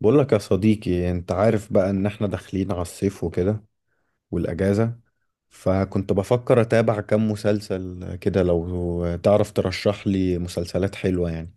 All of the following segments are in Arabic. بقولك يا صديقي، انت عارف بقى ان احنا داخلين على الصيف وكده والاجازة. فكنت بفكر اتابع كام مسلسل كده، لو تعرف ترشح لي مسلسلات حلوة يعني.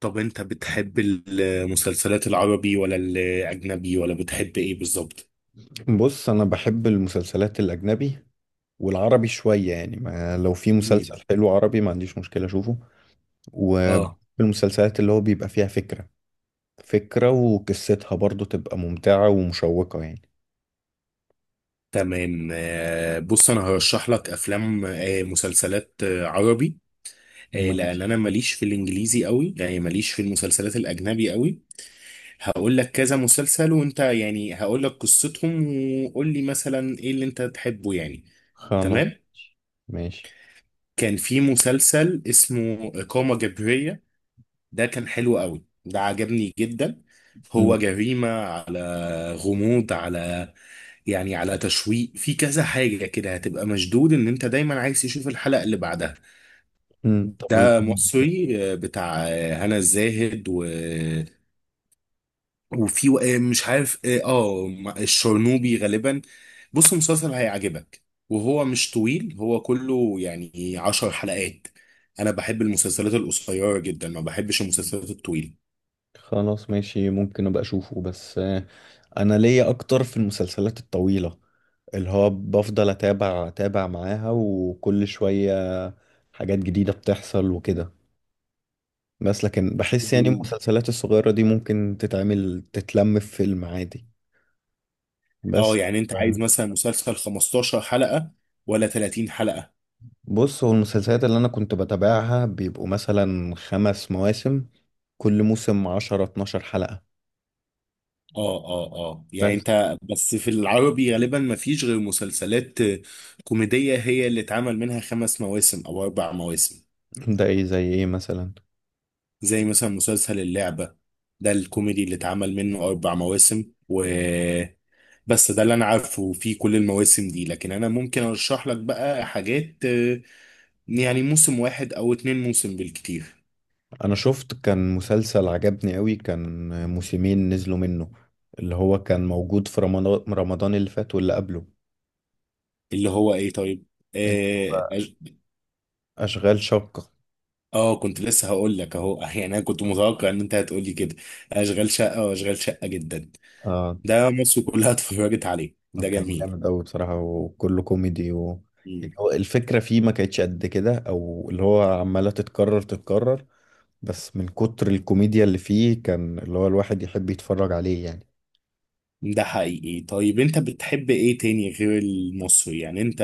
طب انت بتحب المسلسلات العربي ولا الاجنبي ولا بتحب ايه بالظبط؟ بص انا بحب المسلسلات الاجنبي والعربي شوية يعني، ما لو في مسلسل مم. حلو عربي ما عنديش مشكلة اشوفه. وبحب اه. المسلسلات اللي هو بيبقى فيها فكرة فكرة وقصتها برضو تبقى ممتعة ومشوقة يعني. تمام. آه، بص انا هرشح لك افلام مسلسلات عربي، لان ماشي. انا ماليش في الانجليزي قوي، يعني ماليش في المسلسلات الاجنبي قوي. هقول لك كذا مسلسل وانت يعني هقول لك قصتهم، وقول لي مثلا ايه اللي انت تحبه يعني. خلاص تمام. ماشي كان في مسلسل اسمه إقامة جبرية، ده كان حلو قوي، ده عجبني جدا. مم. هو جريمة على غموض على يعني على تشويق، في كذا حاجة كده هتبقى مشدود ان انت دايما عايز تشوف الحلقة اللي بعدها. مم. طب ده مصري، بتاع هنا الزاهد و... وفي مش عارف الشرنوبي غالبا. بص مسلسل هيعجبك، وهو مش طويل، هو كله يعني 10 حلقات. انا بحب المسلسلات القصيرة جدا، ما بحبش المسلسلات الطويلة. خلاص ماشي، ممكن ابقى اشوفه بس. انا ليا اكتر في المسلسلات الطويلة، اللي هو بفضل اتابع اتابع معاها وكل شوية حاجات جديدة بتحصل وكده. بس لكن بحس يعني المسلسلات الصغيرة دي ممكن تتعمل، تتلم في فيلم عادي اه بس. يعني انت آه، عايز مثلا مسلسل 15 حلقة ولا 30 حلقة؟ بص هو المسلسلات اللي انا كنت بتابعها بيبقوا مثلا 5 مواسم، كل موسم 10-12 حلقة. اه اه اه، يعني بس انت بس في العربي غالبا ما فيش غير مسلسلات كوميدية هي اللي اتعمل منها خمس مواسم او اربع مواسم. ده ايه؟ زي ايه مثلا؟ زي مثلا مسلسل اللعبة، ده الكوميدي اللي اتعمل منه اربع مواسم و... بس ده اللي انا عارفه في كل المواسم دي، لكن انا ممكن ارشح لك بقى حاجات، يعني موسم واحد او اتنين موسم بالكتير. انا شفت كان مسلسل عجبني قوي، كان موسمين نزلوا منه، اللي هو كان موجود في رمضان اللي فات واللي قبله. اللي هو ايه طيب؟ اللي آه هو اشغال شقة. اه كنت لسه هقول لك اهو يعني انا كنت متوقع ان انت هتقول لي كده: اشغال شقه، واشغال شقه جدا. اه. ده مصر كلها اتفرجت عليه، ده كان جميل. جامد قوي بصراحة، وكله كوميدي و... يعني مم. هو الفكرة فيه ما كانتش قد كده، او اللي هو عمالة تتكرر تتكرر. بس من كتر الكوميديا اللي فيه كان اللي هو الواحد يحب يتفرج عليه يعني. ده حقيقي. طيب انت بتحب ايه تاني غير المصري يعني؟ انت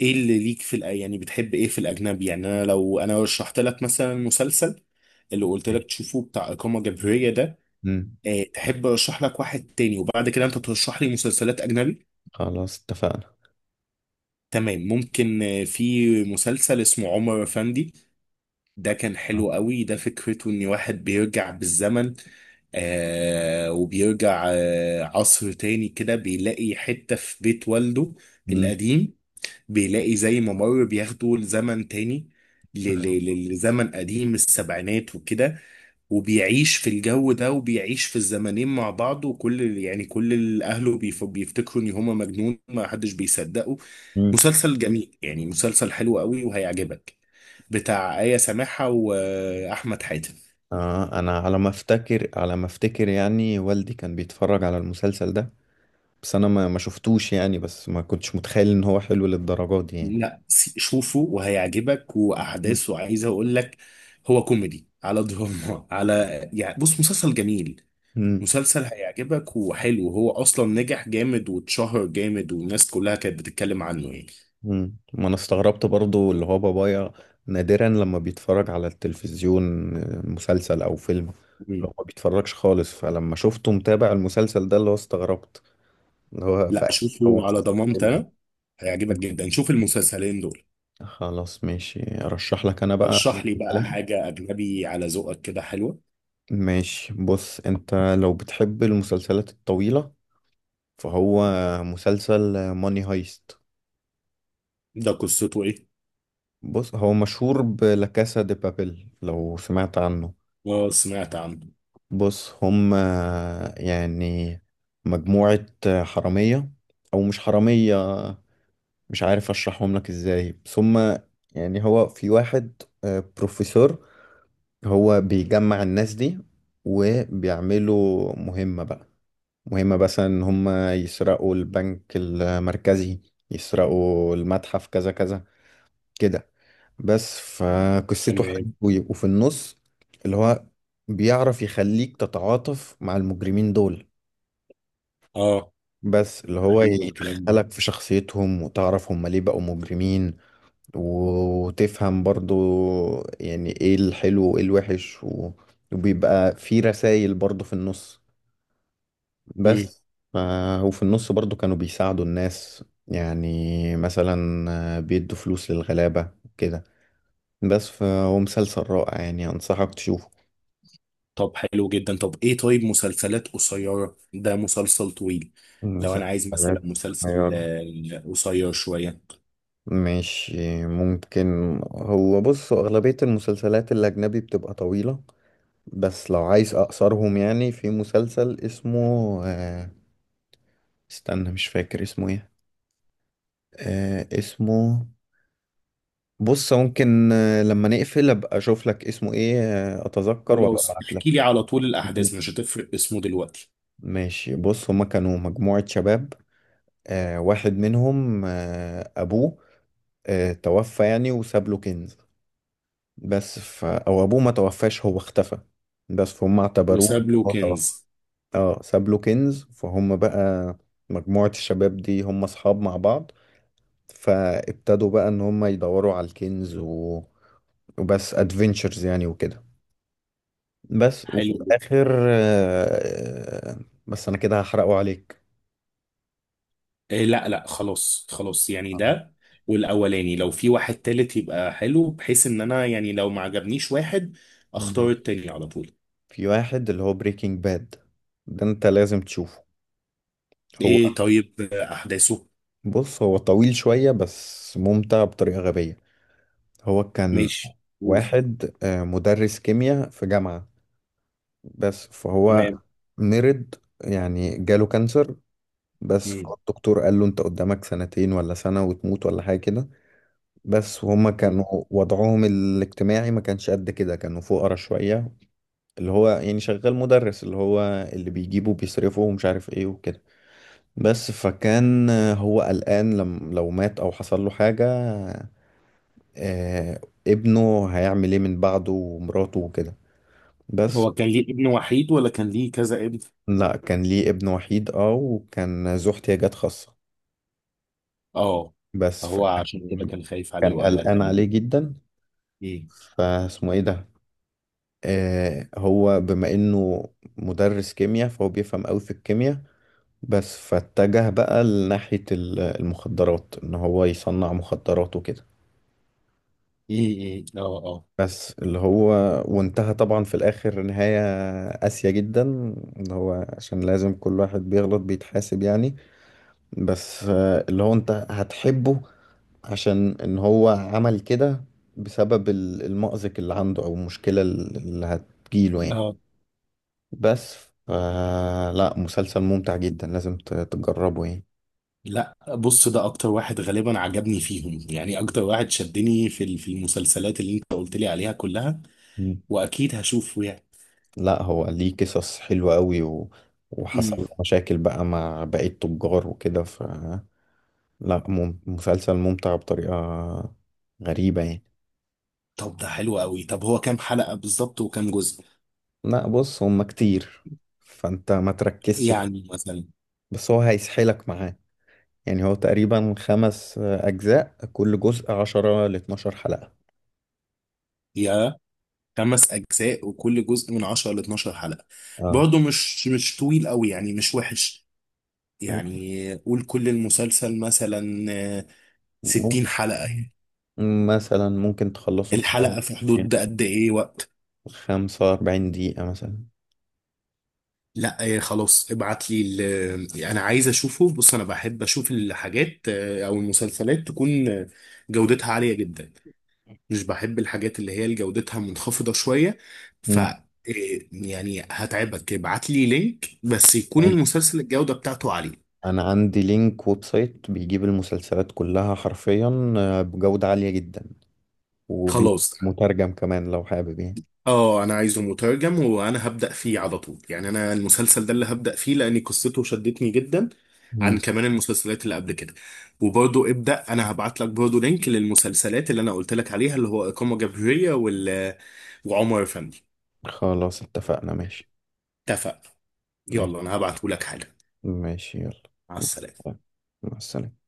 ايه اللي ليك في يعني بتحب ايه في الاجنبي يعني؟ انا لو انا رشحت لك مثلا مسلسل اللي قلت لك ماشي. تشوفه بتاع اقامه جبريه ده، مم. اه، تحب ارشح لك واحد تاني وبعد كده انت ترشح لي مسلسلات اجنبي؟ خلاص اتفقنا. تمام. ممكن في مسلسل اسمه عمر افندي، ده كان آه. حلو قوي، ده فكرته ان واحد بيرجع بالزمن وبيرجع عصر تاني كده، بيلاقي حتة في بيت والده مم. القديم، بيلاقي زي ممر بياخده لزمن تاني، لزمن قديم السبعينات وكده، وبيعيش في الجو ده، وبيعيش في الزمنين مع بعض، وكل يعني كل اهله بيفتكروا ان هما مجنون، ما حدش بيصدقه. مم. مسلسل جميل يعني، مسلسل حلو قوي وهيعجبك، بتاع آية سماحة وأحمد حاتم. آه، انا على ما افتكر على ما افتكر يعني والدي كان بيتفرج على المسلسل ده. بس انا ما شفتوش يعني، بس ما كنتش متخيل ان هو حلو للدرجات دي يعني. لا، شوفه وهيعجبك، مم. وأحداثه عايز أقول لك هو كوميدي على دراما على يعني، بص مسلسل جميل، مم. مسلسل هيعجبك وحلو، هو أصلا نجح جامد واتشهر جامد والناس كلها كانت بتتكلم عنه يعني. مم. ما انا استغربت برضو اللي هو بابايا نادرا لما بيتفرج على التلفزيون مسلسل او فيلم. مم. لو ما بيتفرجش خالص. فلما شفته متابع المسلسل ده اللي هو استغربت، اللي هو لا، فاكر هو شوفه على مسلسل ضمانتي حلو. أنا، هيعجبك مم. جدا، شوف المسلسلين دول. خلاص ماشي، ارشح لك انا بقى. رشح لي بقى مسلسلات. حاجة أجنبي على ذوقك كده حلوة. ماشي. بص انت، لو بتحب المسلسلات الطويلة، فهو مسلسل ماني هايست. ده قصته إيه؟ بص هو مشهور بلا كاسا دي بابيل، لو سمعت عنه. اه سمعت عنه. بص هم، يعني مجموعة حرامية، او مش حرامية، مش عارف اشرحهم لك ازاي. بس هم يعني هو في واحد بروفيسور. هو بيجمع الناس دي، وبيعملوا مهمة بقى. مهم مثلا ان هم يسرقوا البنك المركزي، يسرقوا المتحف، كذا كذا كده. بس فقصته حلوة، تمام. ويبقوا في النص اللي هو بيعرف يخليك تتعاطف مع المجرمين دول. اه بس اللي هو حلو الكلام ده. يدخلك في شخصيتهم، وتعرف هم ليه بقوا مجرمين. وتفهم برضو يعني ايه الحلو وايه الوحش وبيبقى في رسائل برضو في النص امم. بس ف... وفي النص برضو كانوا بيساعدوا الناس يعني، مثلا بيدوا فلوس للغلابة كده. بس فهو مسلسل رائع يعني، أنصحك تشوفه. طب حلو جدا. طب ايه؟ طيب مسلسلات قصيرة؟ ده مسلسل طويل، لو انا عايز مسلسلات مثلا مسلسل قصيرة، قصير شوية. مش ممكن. هو بص، أغلبية المسلسلات الأجنبي بتبقى طويلة. بس لو عايز أقصرهم، يعني في مسلسل اسمه آه، استنى، مش فاكر اسمه ايه. اسمه، بص ممكن لما نقفل ابقى اشوف لك اسمه ايه، اتذكر وابقى خلاص، ابعت لك. احكي لي على طول الاحداث، مش هتفرق اسمه دلوقتي. ماشي. بص هما كانوا مجموعة شباب، واحد منهم ابوه توفى يعني، وساب له كنز. بس او ابوه ما توفاش، هو اختفى. بس فهم اعتبروه وساب له هو كنز؟ توفى. اه ساب له كنز. فهم بقى مجموعة الشباب دي هم اصحاب مع بعض، فابتدوا بقى ان هم يدوروا على الكنز و... وبس ادفنتشرز يعني وكده. بس وفي حلو جدا. الآخر بس أنا كده هحرقه عليك. إيه؟ لا لا، خلاص خلاص، يعني آه. ده، والاولاني لو في واحد تالت يبقى حلو، بحيث ان انا يعني لو ما عجبنيش واحد اختار ماشي. التاني على طول. في واحد اللي هو بريكنج باد، ده أنت لازم تشوفه. هو، ايه طيب؟ احداثه؟ بص هو طويل شوية بس ممتع بطريقة غبية. هو كان ماشي، قول. واحد مدرس كيمياء في جامعة. بس فهو تمام. مرض، يعني جاله كانسر. بس مم. فالدكتور قال له أنت قدامك سنتين ولا سنة وتموت ولا حاجة كده. بس وهم كانوا، مم. وضعهم الاجتماعي ما كانش قد كده، كانوا فقراء شوية. اللي هو يعني شغال مدرس، اللي هو اللي بيجيبه وبيصرفه ومش عارف ايه وكده. بس فكان هو قلقان لم لو مات او حصل له حاجة، آه، ابنه هيعمل ايه من بعده ومراته وكده. بس. هو كان ليه ابن وحيد ولا كان ليه كذا ابن؟ لا كان ليه ابن وحيد، اه، وكان ذو احتياجات خاصة. اه. بس هو عشان كده فكان كان خايف عليه كان وقلقان قلقان عليه. عليه جدا. مم. فاسمه ايه ده؟ هو بما انه مدرس كيمياء، فهو بيفهم قوي في الكيمياء. بس فاتجه بقى لناحية المخدرات، ان هو يصنع مخدرات وكده. مم. مم. اه اه بس اللي هو، وانتهى طبعا في الاخر نهاية قاسية جدا، اللي هو عشان لازم كل واحد بيغلط بيتحاسب يعني. بس اللي هو انت هتحبه عشان ان هو عمل كده بسبب المأزق اللي عنده او المشكلة اللي هتجيله يعني. اه. بس ف- لا، مسلسل ممتع جدا، لازم تجربه يعني. لا، بص ده اكتر واحد غالبا عجبني فيهم يعني، اكتر واحد شدني في المسلسلات اللي انت قلت لي عليها كلها، مم. واكيد هشوفه يعني. لا هو ليه قصص حلوة قوي و... وحصل مم. له مشاكل بقى مع بقية التجار وكده ف... لا مسلسل ممتع بطريقة غريبة يعني. طب ده حلو قوي. طب هو كام حلقة بالظبط وكام جزء؟ لا بص، هما كتير، فانت ما تركزش كده، يعني بس هو هيسحلك معاه. يعني هو تقريبا 5 أجزاء، كل جزء 10-12 حلقة. مثلا خمس أجزاء وكل جزء من 10 ل 12 حلقة. اه. برضه مش طويل قوي يعني، مش وحش، يعني قول كل المسلسل مثلا مم. 60 حلقة يعني. مثلا ممكن تخلصه في شهر. الحلقة في حدود قد إيه وقت؟ 45 دقيقة مثلا. لا خلاص، ابعت لي أنا عايز أشوفه. بص أنا بحب أشوف الحاجات أو المسلسلات تكون جودتها عالية جدا، مش بحب الحاجات اللي هي جودتها منخفضة شوية. ف مم. آه، يعني هتعبك، ابعت لي لينك بس يكون ماشي. المسلسل الجودة بتاعته عالية. أنا عندي لينك ويب سايت بيجيب المسلسلات كلها حرفيا بجودة عالية جدا، خلاص. ومترجم كمان لو حابب يعني. اه انا عايزه مترجم وانا هبدأ فيه على طول، يعني انا المسلسل ده اللي هبدأ فيه لان قصته شدتني جدا عن مم. كمان المسلسلات اللي قبل كده. وبرضو ابدأ، انا هبعت لك برضو لينك للمسلسلات اللي انا قلت لك عليها، اللي هو إقامة جبرية وعمر فندي. خلاص اتفقنا. ماشي، اتفق. ماشي، يلا انا هبعته لك حالا. ماشي، يلا. مع السلامة. مع السلامة.